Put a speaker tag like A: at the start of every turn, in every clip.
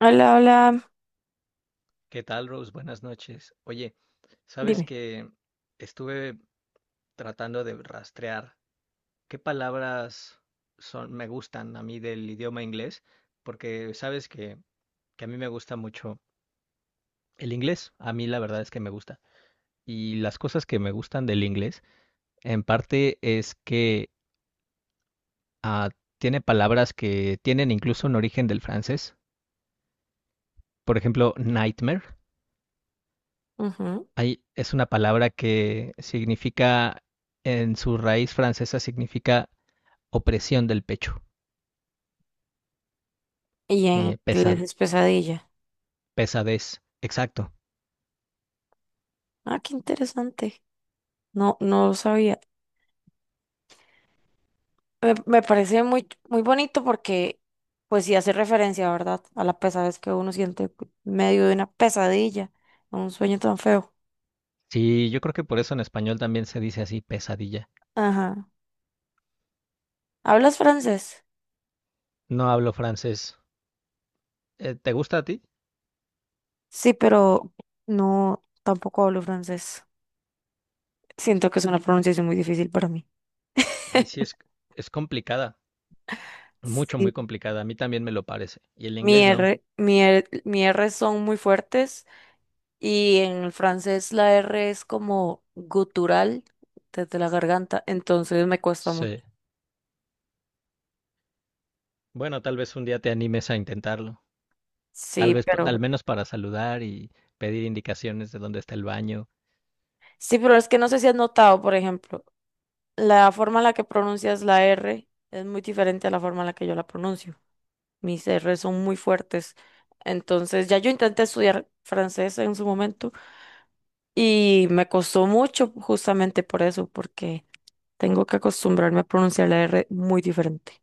A: Hola, hola,
B: ¿Qué tal, Rose? Buenas noches. Oye, sabes
A: dime.
B: que estuve tratando de rastrear qué palabras son, me gustan a mí del idioma inglés, porque sabes que, a mí me gusta mucho el inglés. A mí la verdad es que me gusta. Y las cosas que me gustan del inglés, en parte es que ah, tiene palabras que tienen incluso un origen del francés. Por ejemplo, nightmare.
A: Ujú.
B: Hay, es una palabra que significa, en su raíz francesa, significa opresión del pecho,
A: Y en
B: eh,
A: inglés
B: pesa-
A: es pesadilla.
B: pesadez. Exacto.
A: Ah, qué interesante. No, no lo sabía. Me parece muy, muy bonito porque, pues sí hace referencia, ¿verdad? A la pesadez que uno siente en medio de una pesadilla, un sueño tan feo.
B: Sí, yo creo que por eso en español también se dice así, pesadilla.
A: Ajá. ¿Hablas francés?
B: No hablo francés. ¿Te gusta a ti?
A: Sí, pero no, tampoco hablo francés. Siento que es una pronunciación muy difícil para mí.
B: Ay, sí, es complicada. Mucho,
A: Sí,
B: muy complicada. A mí también me lo parece. Y el
A: mi
B: inglés no.
A: R, mi R, mi R son muy fuertes. Y en el francés la R es como gutural desde la garganta, entonces me cuesta mucho.
B: Sí. Bueno, tal vez un día te animes a intentarlo. Tal
A: Sí,
B: vez,
A: pero
B: al menos para saludar y pedir indicaciones de dónde está el baño.
A: sí, pero es que no sé si has notado, por ejemplo, la forma en la que pronuncias la R es muy diferente a la forma en la que yo la pronuncio. Mis R son muy fuertes. Entonces, ya yo intenté estudiar francés en su momento y me costó mucho justamente por eso, porque tengo que acostumbrarme a pronunciar la R muy diferente.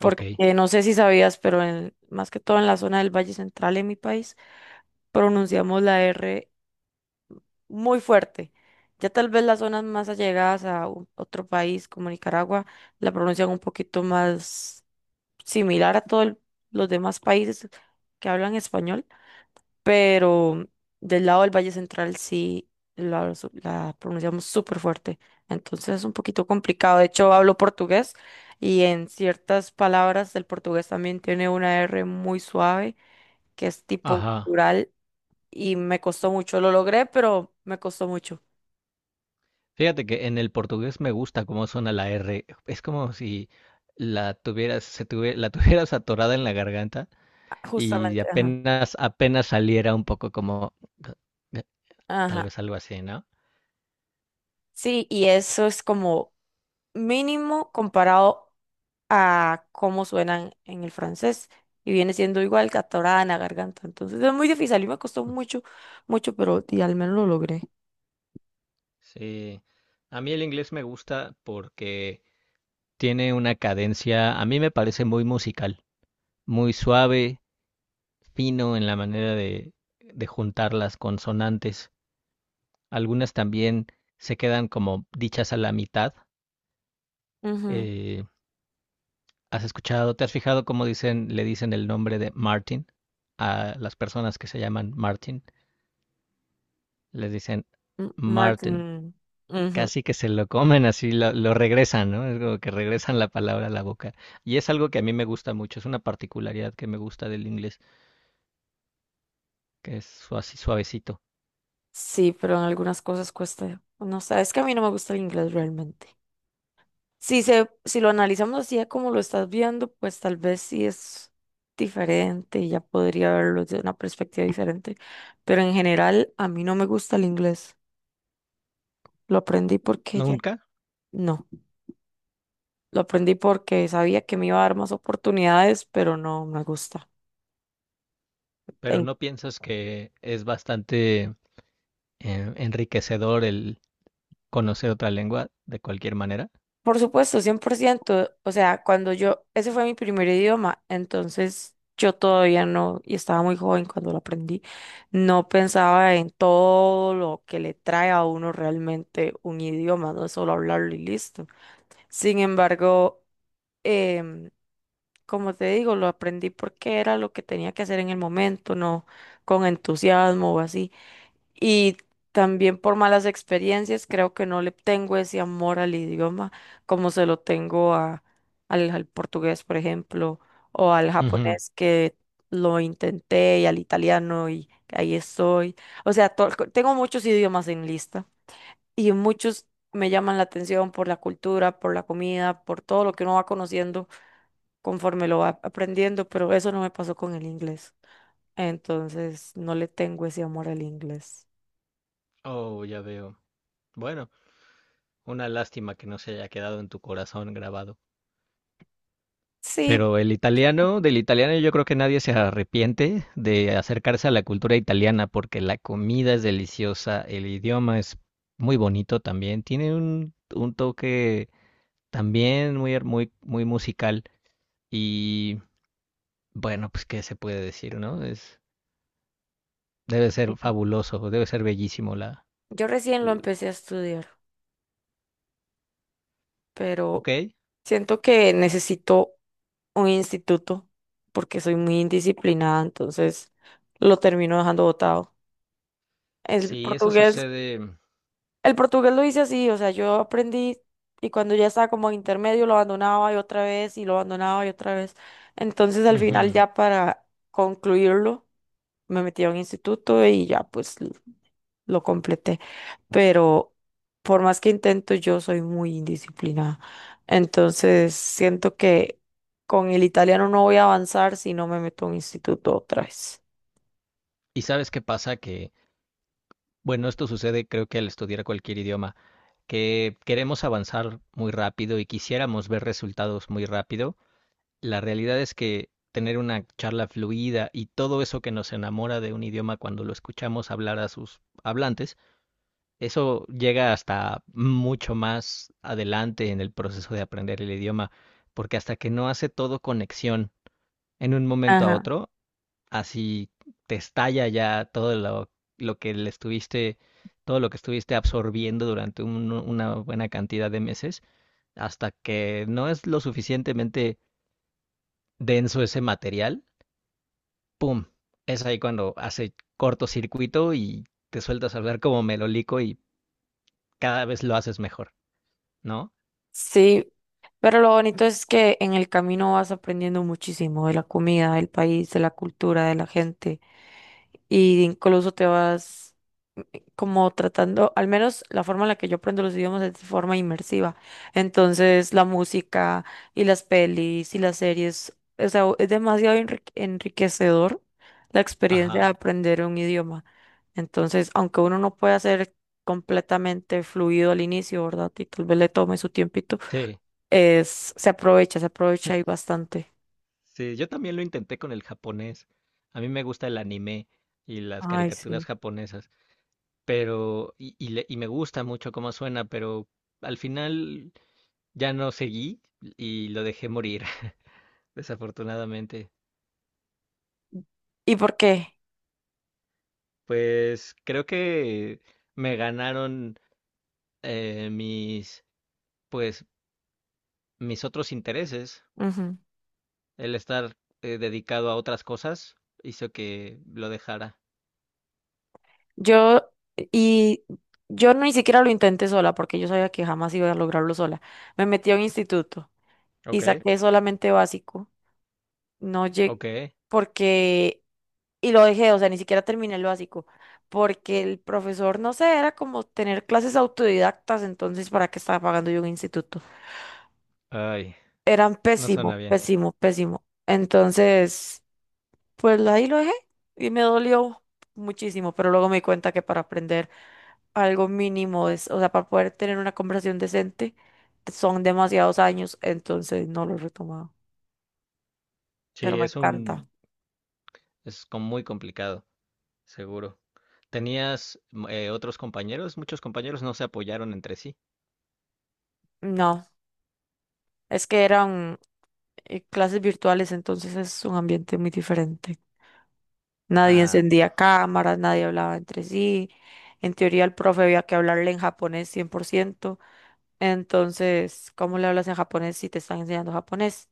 B: Ok.
A: no sé si sabías, pero más que todo en la zona del Valle Central en mi país, pronunciamos la R muy fuerte. Ya tal vez las zonas más allegadas a otro país como Nicaragua la pronuncian un poquito más similar a todos los demás países que hablan español, pero del lado del Valle Central sí la pronunciamos súper fuerte. Entonces es un poquito complicado. De hecho, hablo portugués y en ciertas palabras del portugués también tiene una R muy suave, que es tipo
B: Ajá.
A: rural, y me costó mucho. Lo logré, pero me costó mucho.
B: Fíjate que en el portugués me gusta cómo suena la R. Es como si la tuvieras atorada en la garganta
A: Ah,
B: y
A: justamente, ajá.
B: apenas, apenas saliera un poco como tal
A: Ajá.
B: vez algo así, ¿no?
A: Sí, y eso es como mínimo comparado a cómo suenan en el francés. Y viene siendo igual catorada en la garganta. Entonces es muy difícil. A mí me costó mucho, mucho, pero y al menos lo logré.
B: Sí. A mí el inglés me gusta porque tiene una cadencia, a mí me parece muy musical, muy suave, fino en la manera de juntar las consonantes. Algunas también se quedan como dichas a la mitad.
A: Ujú.
B: eh, Te has fijado cómo dicen, le dicen el nombre de Martin a las personas que se llaman Martin? Les dicen
A: M-
B: Martin.
A: Martin. Ujú.
B: Casi que se lo comen así, lo regresan, ¿no? Es como que regresan la palabra a la boca. Y es algo que a mí me gusta mucho, es una particularidad que me gusta del inglés, así suavecito.
A: Sí, pero en algunas cosas cuesta. No sé, es que a mí no me gusta el inglés realmente. Si lo analizamos así a como lo estás viendo, pues tal vez sí es diferente y ya podría verlo desde una perspectiva diferente. Pero en general, a mí no me gusta el inglés. Lo aprendí porque ya.
B: Nunca,
A: No, lo aprendí porque sabía que me iba a dar más oportunidades, pero no me gusta.
B: pero no piensas que es bastante enriquecedor el conocer otra lengua de cualquier manera.
A: Por supuesto, cien por ciento. O sea, cuando yo, ese fue mi primer idioma, entonces yo todavía no, y estaba muy joven cuando lo aprendí, no pensaba en todo lo que le trae a uno realmente un idioma, no es solo hablarlo y listo. Sin embargo, em, como te digo, lo aprendí porque era lo que tenía que hacer en el momento, no con entusiasmo o así. Y también por malas experiencias, creo que no le tengo ese amor al idioma como se lo tengo a, al, al portugués, por ejemplo, o al
B: Ujú.
A: japonés que lo intenté, y al italiano y ahí estoy. O sea, tengo muchos idiomas en lista y muchos me llaman la atención por la cultura, por la comida, por todo lo que uno va conociendo conforme lo va aprendiendo, pero eso no me pasó con el inglés. Entonces, no le tengo ese amor al inglés.
B: Oh, ya veo. Bueno. Una lástima que no se haya quedado en tu corazón grabado.
A: Sí,
B: Pero el italiano, del italiano yo creo que nadie se arrepiente de acercarse a la cultura italiana porque la comida es deliciosa, el idioma es muy bonito también, tiene un toque también muy, muy, muy musical y bueno, pues qué se puede decir, ¿no? Es, debe ser fabuloso, debe ser bellísimo la...
A: yo recién lo
B: l-
A: empecé a estudiar, pero
B: Ok,
A: siento que necesito un instituto porque soy muy indisciplinada, entonces lo termino dejando botado. El
B: sí, eso
A: portugués
B: sucede.
A: El portugués lo hice así, o sea, yo aprendí y cuando ya estaba como en intermedio lo abandonaba y otra vez y lo abandonaba y otra vez. Entonces al final
B: Ujú.
A: ya para concluirlo me metí a un instituto y ya pues lo completé. Pero por más que intento yo soy muy indisciplinada. Entonces siento que con el italiano no voy a avanzar si no me meto a un instituto otra vez.
B: ¿Y sabes qué pasa? Que Bueno, esto sucede creo que al estudiar cualquier idioma, que queremos avanzar muy rápido y quisiéramos ver resultados muy rápido. La realidad es que tener una charla fluida y todo eso que nos enamora de un idioma cuando lo escuchamos hablar a sus hablantes, eso llega hasta mucho más adelante en el proceso de aprender el idioma, porque hasta que no hace todo conexión en un momento a
A: Ajá.
B: otro, así te estalla ya lo que le estuviste, todo lo que estuviste absorbiendo durante una buena cantidad de meses, hasta que no es lo suficientemente denso ese material, ¡pum! Es ahí cuando hace cortocircuito y te sueltas a hablar como melolico y cada vez lo haces mejor, ¿no?
A: Sí, pero lo bonito es que en el camino vas aprendiendo muchísimo de la comida, del país, de la cultura, de la gente, y incluso te vas, como tratando, al menos la forma en la que yo aprendo los idiomas es de forma inmersiva. Entonces, la música y las pelis y las series, o sea, es demasiado enriquecedor la experiencia de
B: Ajá,
A: aprender un idioma. Entonces, aunque uno no pueda hacer completamente fluido al inicio, ¿verdad? Y tal vez le tome su tiempito.
B: sí,
A: Es, se aprovecha ahí bastante.
B: sí, yo también lo intenté con el japonés. A mí me gusta el anime y las
A: Ay,
B: caricaturas
A: sí.
B: japonesas. Y me gusta mucho cómo suena, pero al final ya no seguí y lo dejé morir, desafortunadamente.
A: ¿Y por qué?
B: Pues creo que me ganaron eh, mis, pues, mis otros intereses.
A: Ujú.
B: El estar dedicado a otras cosas hizo que lo dejara.
A: Yo, y yo ni siquiera lo intenté sola porque yo sabía que jamás iba a lograrlo sola. Me metí a un instituto y
B: Ok,
A: saqué solamente básico. No llegué,
B: ok.
A: porque, y lo dejé, o sea, ni siquiera terminé el básico. Porque el profesor, no sé, era como tener clases autodidactas, entonces, ¿para qué estaba pagando yo un instituto?
B: Ay,
A: Eran
B: no suena
A: pésimo,
B: bien.
A: pésimo, pésimo. Entonces, pues ahí lo dejé y me dolió muchísimo, pero luego me di cuenta que para aprender algo mínimo es, o sea, para poder tener una conversación decente, son demasiados años, entonces no lo he retomado, pero
B: Sí,
A: me encanta.
B: es como muy complicado. Seguro. ¿Tenías otros compañeros? Muchos compañeros no se apoyaron entre sí.
A: No, es que eran clases virtuales, entonces es un ambiente muy diferente. Nadie
B: Ah,
A: encendía cámaras, nadie hablaba entre sí. En teoría, el profe había que hablarle en japonés cien por ciento. Entonces, ¿cómo le hablas en japonés si te están enseñando japonés?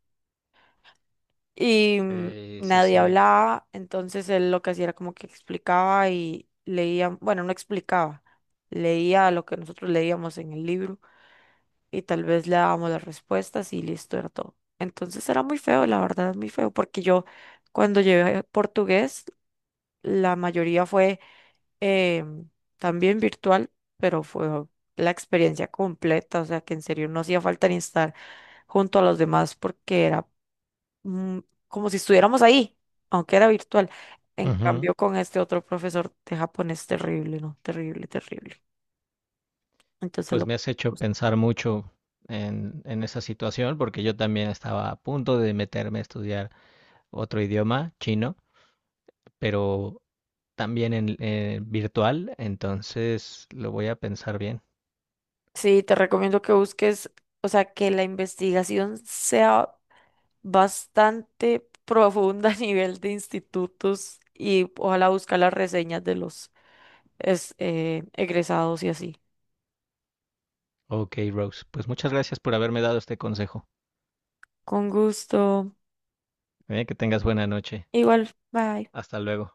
A: Y
B: sí, sí,
A: nadie
B: sí.
A: hablaba, entonces él lo que hacía era como que explicaba y leía, bueno, no explicaba, leía lo que nosotros leíamos en el libro y tal vez le dábamos las respuestas y listo, era todo. Entonces era muy feo, la verdad, muy feo, porque yo cuando llevé portugués, la mayoría fue eh, también virtual, pero fue la experiencia completa, o sea que en serio no hacía falta ni estar junto a los demás porque era mm, como si estuviéramos ahí, aunque era virtual. En
B: Ujú.
A: cambio, con este otro profesor de japonés, terrible, ¿no? Terrible, terrible. Entonces
B: Pues
A: lo...
B: me has hecho pensar mucho en esa situación porque yo también estaba a punto de meterme a estudiar otro idioma, chino, pero también en, virtual, entonces lo voy a pensar bien.
A: Sí, te recomiendo que busques, o sea, que la investigación sea bastante profunda a nivel de institutos y ojalá buscar las reseñas de los egresados y así.
B: Ok, Rose, pues muchas gracias por haberme dado este consejo.
A: Con gusto.
B: Que tengas buena noche.
A: Igual, bye.
B: Hasta luego.